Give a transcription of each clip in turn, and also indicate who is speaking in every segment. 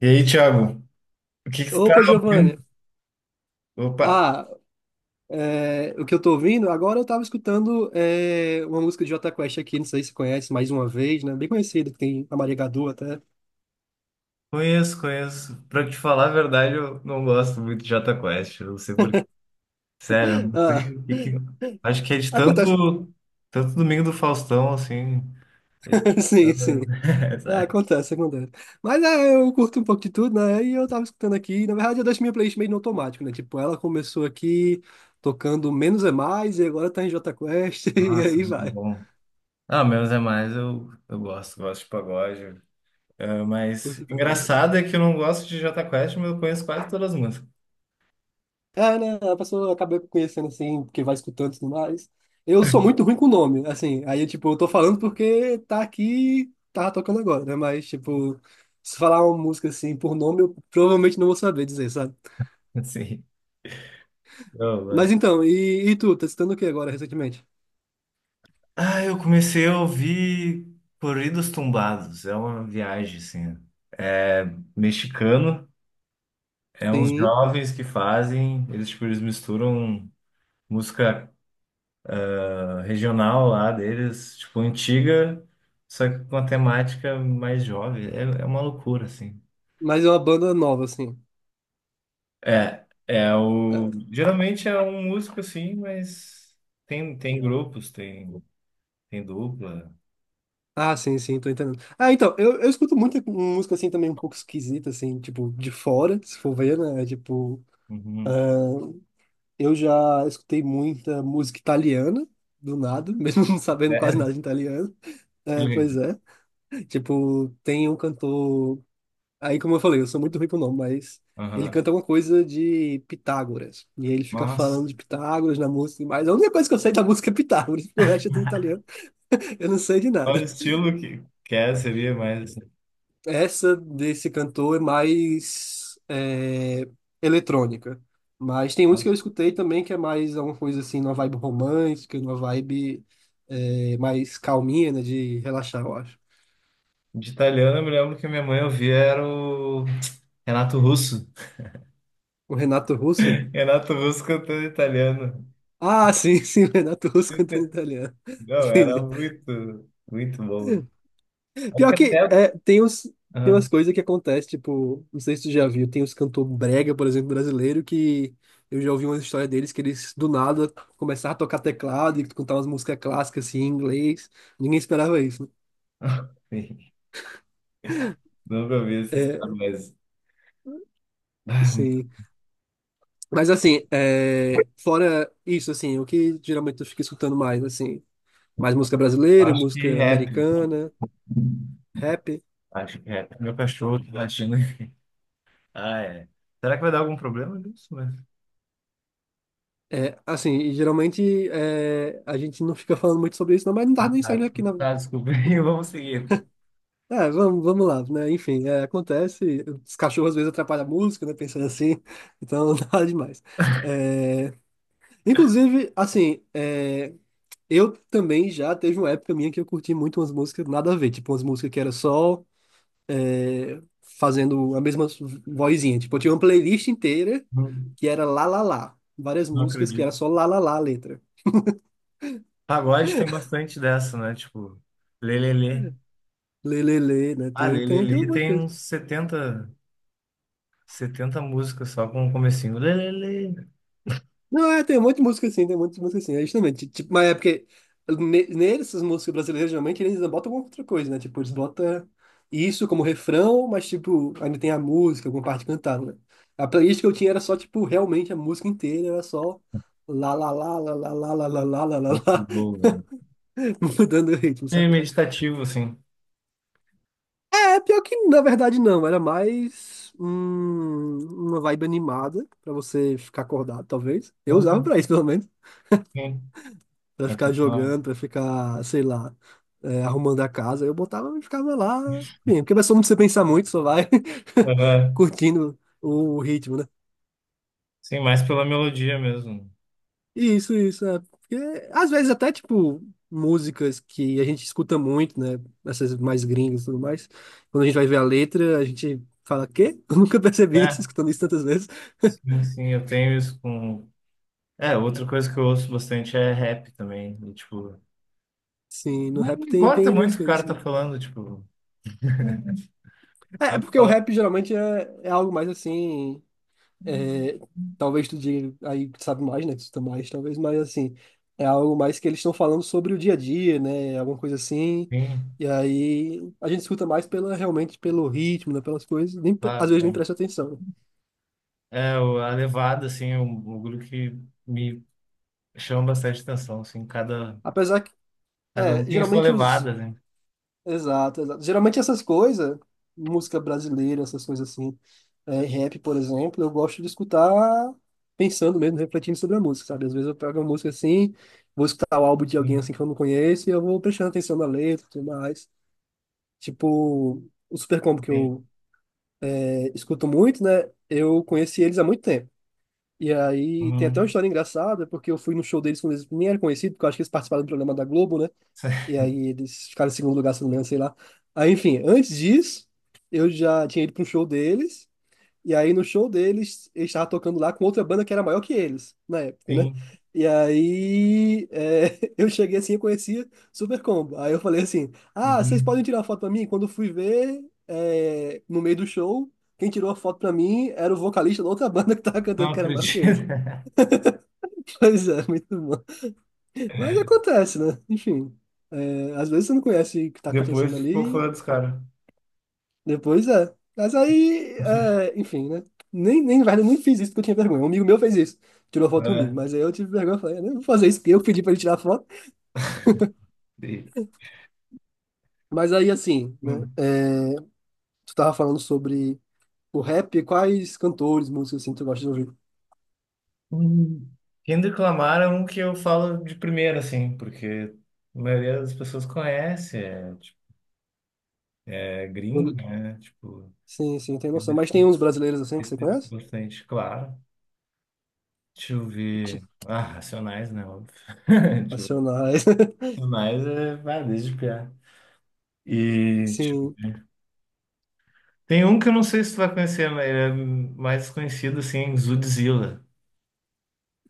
Speaker 1: E aí, Thiago, o que que você tá
Speaker 2: Opa,
Speaker 1: ouvindo?
Speaker 2: Giovanni.
Speaker 1: Opa,
Speaker 2: Ah, é, o que eu tô ouvindo, agora eu tava escutando uma música de Jota Quest aqui, não sei se você conhece, mais uma vez, né? Bem conhecida, que tem a Maria Gadu até.
Speaker 1: conheço, conheço. Pra te falar a verdade, eu não gosto muito de Jota Quest. Eu não sei por quê. Sério, eu não
Speaker 2: Ah,
Speaker 1: sei o que que... Acho que é de
Speaker 2: acontece.
Speaker 1: tanto, tanto Domingo do Faustão, assim. eles-
Speaker 2: Sim, sim. Ah,
Speaker 1: Sabe?
Speaker 2: acontece, acontece. Mas é, eu curto um pouco de tudo, né? E eu tava escutando aqui, na verdade eu deixo minha playlist meio no automático, né? Tipo, ela começou aqui tocando Menos é Mais e agora tá em Jota Quest e
Speaker 1: Nossa,
Speaker 2: aí
Speaker 1: muito
Speaker 2: vai.
Speaker 1: bom. Ah, menos é mais, eu gosto, gosto de pagode. Ah, mas
Speaker 2: Curte pra caralho.
Speaker 1: engraçado é que eu não gosto de Jota Quest, mas eu conheço quase todas as músicas.
Speaker 2: É, né? A pessoa acaba conhecendo assim, porque vai escutando e tudo mais. Eu sou muito ruim com nome, assim. Aí, tipo, eu tô falando porque tá aqui, tá tocando agora, né? Mas, tipo, se falar uma música assim por nome, eu provavelmente não vou saber dizer, sabe?
Speaker 1: Assim.
Speaker 2: Mas então, e tu, tá escutando o que agora recentemente?
Speaker 1: Ah, eu comecei a ouvir Corridos Tumbados. É uma viagem, assim. É mexicano. É uns
Speaker 2: Sim,
Speaker 1: jovens que fazem. Eles, tipo, eles misturam música, ah, regional lá deles, tipo, antiga, só que com a temática mais jovem. É, é uma loucura, assim.
Speaker 2: mas é uma banda nova, assim.
Speaker 1: É, é o...
Speaker 2: É,
Speaker 1: Geralmente é um músico, assim, mas tem grupos, tem dupla.
Speaker 2: ah, sim, sim, tô entendendo. Ah, então, eu escuto muita música assim também um pouco esquisita, assim, tipo, de fora, se for ver, né? Tipo.
Speaker 1: Uhum.
Speaker 2: Eu já escutei muita música italiana, do nada, mesmo não sabendo quase
Speaker 1: É,
Speaker 2: nada de italiano.
Speaker 1: que
Speaker 2: É, pois
Speaker 1: legal.
Speaker 2: é. Tipo, tem um cantor. Aí, como eu falei, eu sou muito ruim pro nome, mas ele
Speaker 1: Aham.
Speaker 2: canta alguma coisa de Pitágoras. E aí ele fica
Speaker 1: Nossa.
Speaker 2: falando de Pitágoras na música, mas a única coisa que eu sei da música é Pitágoras, porque o resto é tudo italiano, eu não sei de
Speaker 1: Qual o
Speaker 2: nada.
Speaker 1: estilo que quer seria mais assim?
Speaker 2: Essa desse cantor é mais eletrônica. Mas tem uns que
Speaker 1: Nossa.
Speaker 2: eu escutei também que é mais uma coisa assim, uma vibe romântica, uma vibe mais calminha, né, de relaxar, eu acho.
Speaker 1: De italiano, eu me lembro que minha mãe ouvia era o Renato Russo.
Speaker 2: O Renato Russo?
Speaker 1: Renato Russo cantando italiano.
Speaker 2: Ah, sim, sim, o Renato Russo cantando italiano.
Speaker 1: Não, era
Speaker 2: Entendi.
Speaker 1: muito, muito bom. Acho
Speaker 2: Pior
Speaker 1: que
Speaker 2: que
Speaker 1: até.
Speaker 2: é, tem
Speaker 1: Ah,
Speaker 2: umas coisas que acontecem, tipo, não sei se tu já viu, tem uns cantor brega, por exemplo, brasileiro, que eu já ouvi uma história deles que eles do nada começaram a tocar teclado e cantar umas músicas clássicas assim, em inglês. Ninguém esperava isso, né?
Speaker 1: nunca ouvi essa história,
Speaker 2: É,
Speaker 1: mas ah,
Speaker 2: sim. Mas assim, fora isso, assim, o que geralmente eu fico escutando mais, assim, mais música
Speaker 1: eu
Speaker 2: brasileira,
Speaker 1: acho que
Speaker 2: música
Speaker 1: rap.
Speaker 2: americana, rap.
Speaker 1: Acho que rap. Meu cachorro tá latindo. Ah, é. Será que vai dar algum problema nisso? Mas...
Speaker 2: É, assim, e geralmente a gente não fica falando muito sobre isso, não, mas não tá
Speaker 1: Ah,
Speaker 2: nem saindo
Speaker 1: tá.
Speaker 2: aqui na.
Speaker 1: Tá, desculpa. Vamos seguir, então.
Speaker 2: É, vamos, vamos lá, né? Enfim, acontece. Os cachorros às vezes atrapalham a música, né? Pensando assim, então nada demais. É, inclusive, assim, eu também já teve uma época minha que eu curti muito umas músicas nada a ver, tipo umas músicas que era só fazendo a mesma vozinha. Tipo, eu tinha uma playlist inteira
Speaker 1: Não,
Speaker 2: que era lá lá lá, várias
Speaker 1: não
Speaker 2: músicas que era
Speaker 1: acredito.
Speaker 2: só lá lá lá a letra.
Speaker 1: Pagode tem bastante dessa, né? Tipo, lelele.
Speaker 2: Lê, lê, lê, né?
Speaker 1: Ah,
Speaker 2: Tem um
Speaker 1: lelele
Speaker 2: monte de
Speaker 1: tem
Speaker 2: coisa.
Speaker 1: uns setenta músicas só com o comecinho. Lelele.
Speaker 2: Não, tem um monte de música assim, tem muitas músicas assim, é justamente, tipo, mas é porque nessas músicas brasileiras, geralmente, eles ainda botam alguma outra coisa, né, tipo, eles botam isso como refrão, mas, tipo, ainda tem a música, alguma parte cantada, né? A playlist que eu tinha era só, tipo, realmente a música inteira, era só lá, lá, lá, lá, lá, lá, lá, lá, lá, lá, lá, lá,
Speaker 1: Boa.
Speaker 2: mudando o ritmo,
Speaker 1: É
Speaker 2: sabe?
Speaker 1: meditativo, assim.
Speaker 2: É, pior que, na verdade, não, era mais uma vibe animada, pra você ficar acordado, talvez, eu usava
Speaker 1: Hum,
Speaker 2: pra isso, pelo menos.
Speaker 1: Sim,
Speaker 2: Pra
Speaker 1: é
Speaker 2: ficar
Speaker 1: funcional.
Speaker 2: jogando, pra ficar, sei lá, arrumando a casa. Eu botava e ficava lá, enfim, porque vai só não precisa pensar muito, só vai
Speaker 1: É,
Speaker 2: curtindo o ritmo, né?
Speaker 1: sim, mais pela melodia mesmo.
Speaker 2: Isso, é. Porque às vezes até, tipo, músicas que a gente escuta muito, né? Essas mais gringas e tudo mais. Quando a gente vai ver a letra, a gente fala, quê? Eu nunca percebi isso,
Speaker 1: É,
Speaker 2: escutando isso tantas vezes.
Speaker 1: sim, sim, eu tenho isso com. É, outra coisa que eu ouço bastante é rap também. E, tipo,
Speaker 2: Sim, no
Speaker 1: não
Speaker 2: rap tem,
Speaker 1: importa
Speaker 2: tem
Speaker 1: muito
Speaker 2: umas
Speaker 1: o que o
Speaker 2: coisas
Speaker 1: cara tá
Speaker 2: assim.
Speaker 1: falando, tipo,
Speaker 2: É, é
Speaker 1: pode
Speaker 2: porque o
Speaker 1: falar.
Speaker 2: rap geralmente é algo mais assim. É, talvez tu diga aí que sabe mais, né? Que tu tá mais, talvez, mas assim, é algo mais que eles estão falando sobre o dia a dia, né? Alguma coisa assim.
Speaker 1: Sim,
Speaker 2: E aí a gente escuta mais realmente pelo ritmo, né? Pelas coisas, nem, às
Speaker 1: claro,
Speaker 2: vezes nem
Speaker 1: né?
Speaker 2: presta atenção, né?
Speaker 1: É, a levada, assim, é um bagulho que me chama bastante atenção, assim, cada,
Speaker 2: Apesar que,
Speaker 1: cada um tem a sua
Speaker 2: geralmente os.
Speaker 1: levada, né?
Speaker 2: Exato, exato. Geralmente essas coisas, música brasileira, essas coisas assim. Rap, por exemplo, eu gosto de escutar pensando mesmo, refletindo sobre a música, sabe? Às vezes eu pego uma música assim, vou escutar o álbum de alguém
Speaker 1: Sim,
Speaker 2: assim que eu não conheço e eu vou prestando atenção na letra e tudo mais. Tipo, o Super Combo que
Speaker 1: tem.
Speaker 2: eu escuto muito, né? Eu conheci eles há muito tempo. E aí tem até uma
Speaker 1: Hum,
Speaker 2: história engraçada, porque eu fui no show deles quando eles nem eram conhecidos, porque eu acho que eles participaram do programa da Globo, né? E aí eles ficaram em segundo lugar, se não me engano, sei lá. Aí, enfim, antes disso, eu já tinha ido para um show deles. E aí no show deles, ele estava tocando lá com outra banda que era maior que eles, na época, né?
Speaker 1: sim.
Speaker 2: E aí eu cheguei assim, eu conhecia Super Combo. Aí eu falei assim, ah, vocês
Speaker 1: Uhum.
Speaker 2: podem tirar uma foto pra mim? Quando eu fui ver, no meio do show, quem tirou a foto pra mim era o vocalista da outra banda que tava cantando
Speaker 1: Não
Speaker 2: que era maior que
Speaker 1: acredito.
Speaker 2: eles. Pois é, muito bom. Mas acontece, né? Enfim, às vezes você não conhece o que tá acontecendo
Speaker 1: Depois ficou fã
Speaker 2: ali.
Speaker 1: dos caras.
Speaker 2: Depois é. Mas aí, enfim, né? Nem, na verdade, eu nem fiz isso porque eu tinha vergonha. Um amigo meu fez isso. Tirou foto comigo.
Speaker 1: É.
Speaker 2: Mas aí eu tive vergonha. Eu falei, eu não vou fazer isso porque eu pedi pra ele tirar foto.
Speaker 1: Sim.
Speaker 2: Mas aí, assim, né?
Speaker 1: Hum.
Speaker 2: Tu tava falando sobre o rap. Quais cantores, músicos, assim, tu gosta de ouvir?
Speaker 1: Hum. Kendrick Lamar é um que eu falo de primeira, assim, porque a maioria das pessoas conhece, é, tipo, é gringo,
Speaker 2: Eu-
Speaker 1: né? Tipo,
Speaker 2: Sim, sim, tem
Speaker 1: eu
Speaker 2: noção. Mas tem
Speaker 1: respeito,
Speaker 2: uns brasileiros, assim, que você
Speaker 1: respeito
Speaker 2: conhece?
Speaker 1: bastante, claro. Deixa eu ver. Ah, Racionais, né? Óbvio. Tipo,
Speaker 2: Racionais.
Speaker 1: Racionais é vai, desde piá. E tipo,
Speaker 2: Sim,
Speaker 1: tem um que eu não sei se tu vai conhecer, mas ele é mais conhecido assim, Zudzilla.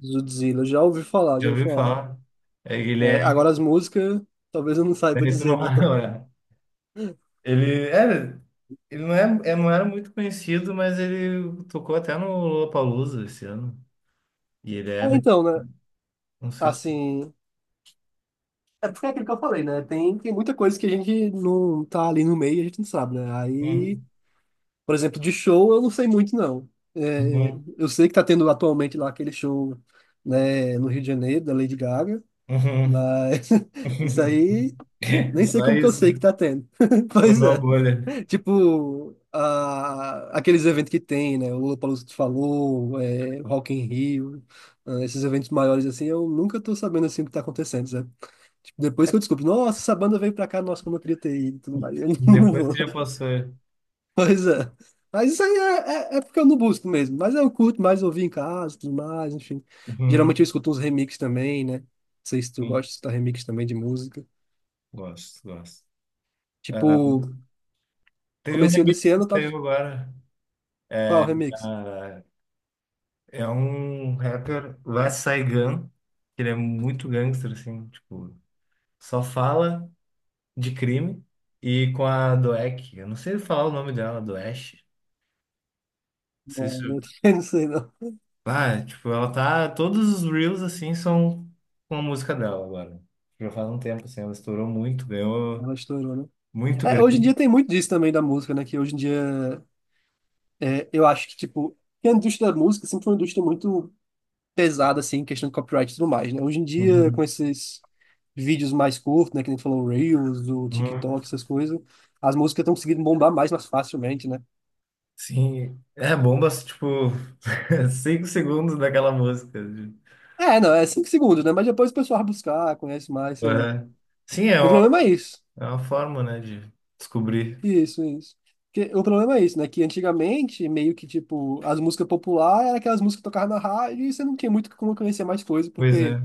Speaker 2: Zudzilla. Já ouvi falar, já
Speaker 1: Já
Speaker 2: ouvi
Speaker 1: ouviu
Speaker 2: falar.
Speaker 1: falar? É, ele é.
Speaker 2: É, agora as músicas, talvez eu não saiba
Speaker 1: É, tu
Speaker 2: dizer,
Speaker 1: não
Speaker 2: não.
Speaker 1: vai lembrar. Ele é. Ele não, não era muito conhecido, mas ele tocou até no Lollapalooza esse ano. E ele
Speaker 2: Ah,
Speaker 1: era,
Speaker 2: então, né?
Speaker 1: não sei se...
Speaker 2: Assim. É porque é aquilo que eu falei, né? Tem muita coisa que a gente não tá ali no meio e a gente não sabe, né? Aí,
Speaker 1: Hum,
Speaker 2: por exemplo, de show eu não sei muito, não. É,
Speaker 1: uhum,
Speaker 2: eu sei que tá tendo atualmente lá aquele show, né, no Rio de Janeiro, da Lady Gaga,
Speaker 1: uhum.
Speaker 2: mas isso aí nem sei
Speaker 1: Só
Speaker 2: como que eu
Speaker 1: isso,
Speaker 2: sei que tá tendo. Pois
Speaker 1: estourou a
Speaker 2: é.
Speaker 1: bolha.
Speaker 2: Tipo, aqueles eventos que tem, né? O Lollapalooza que tu falou, Rock in Rio, ah, esses eventos maiores assim, eu nunca tô sabendo assim o que tá acontecendo. Tipo, depois que eu descubro, nossa, essa banda veio pra cá, nossa, como eu queria ter ido e tudo mais. Eu não
Speaker 1: Depois que
Speaker 2: vou.
Speaker 1: já passou.
Speaker 2: Pois é. Mas isso aí é porque eu não busco mesmo. Mas eu curto mais ouvir em casa e tudo mais, enfim.
Speaker 1: Uhum,
Speaker 2: Geralmente eu escuto uns remix também, né? Não sei se tu gosta
Speaker 1: uhum.
Speaker 2: de escutar remix também de música.
Speaker 1: Gosto, gosto. Ah,
Speaker 2: Tipo,
Speaker 1: teve um
Speaker 2: comecinho desse
Speaker 1: remix que
Speaker 2: ano, tava.
Speaker 1: saiu agora.
Speaker 2: Qual remix?
Speaker 1: Ah, é um rapper, Lil Saigon, que ele é muito gangster, assim, tipo, só fala de crime e com a Doek. Eu não sei falar o nome dela, Doesh. Não sei
Speaker 2: Não, eu
Speaker 1: se...
Speaker 2: não sei, não.
Speaker 1: Ah, tipo, ela tá. Todos os reels assim são com a música dela agora. Já faz um tempo assim, ela estourou muito, ganhou
Speaker 2: Ela estourou, né?
Speaker 1: muito
Speaker 2: É, hoje em
Speaker 1: grande.
Speaker 2: dia tem muito disso também da música, né? Que hoje em dia eu acho que, tipo, que a indústria da música sempre foi uma indústria muito pesada, assim, em questão de copyright e tudo mais, né? Hoje em dia, com
Speaker 1: Uhum.
Speaker 2: esses vídeos mais curtos, né? Que nem tu falou, o Reels, o TikTok,
Speaker 1: Uhum.
Speaker 2: essas coisas, as músicas estão conseguindo bombar mais, mais facilmente, né?
Speaker 1: Sim, é bombas, tipo, 5 segundos daquela música.
Speaker 2: É, não, é 5 segundos, né? Mas depois o pessoal vai buscar, conhece mais, sei lá.
Speaker 1: Uhum. Sim,
Speaker 2: O problema é isso.
Speaker 1: é uma forma, né, de descobrir.
Speaker 2: Isso, isso. Porque o problema é isso, né? Que antigamente, meio que, tipo, as músicas populares eram aquelas músicas que tocavam na rádio e você não tinha muito como conhecer mais coisa,
Speaker 1: Pois
Speaker 2: porque,
Speaker 1: é,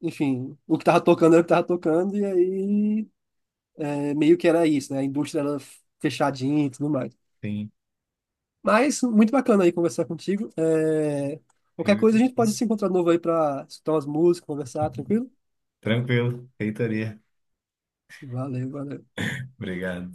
Speaker 2: enfim, o que tava tocando era o que tava tocando, e aí meio que era isso, né? A indústria era fechadinha e tudo mais.
Speaker 1: sim.
Speaker 2: Mas muito bacana aí conversar contigo. Qualquer coisa
Speaker 1: Eu-
Speaker 2: a gente pode se encontrar de novo aí para escutar umas músicas, conversar, tranquilo?
Speaker 1: Tranquilo, feitoria.
Speaker 2: Valeu, valeu.
Speaker 1: Obrigado.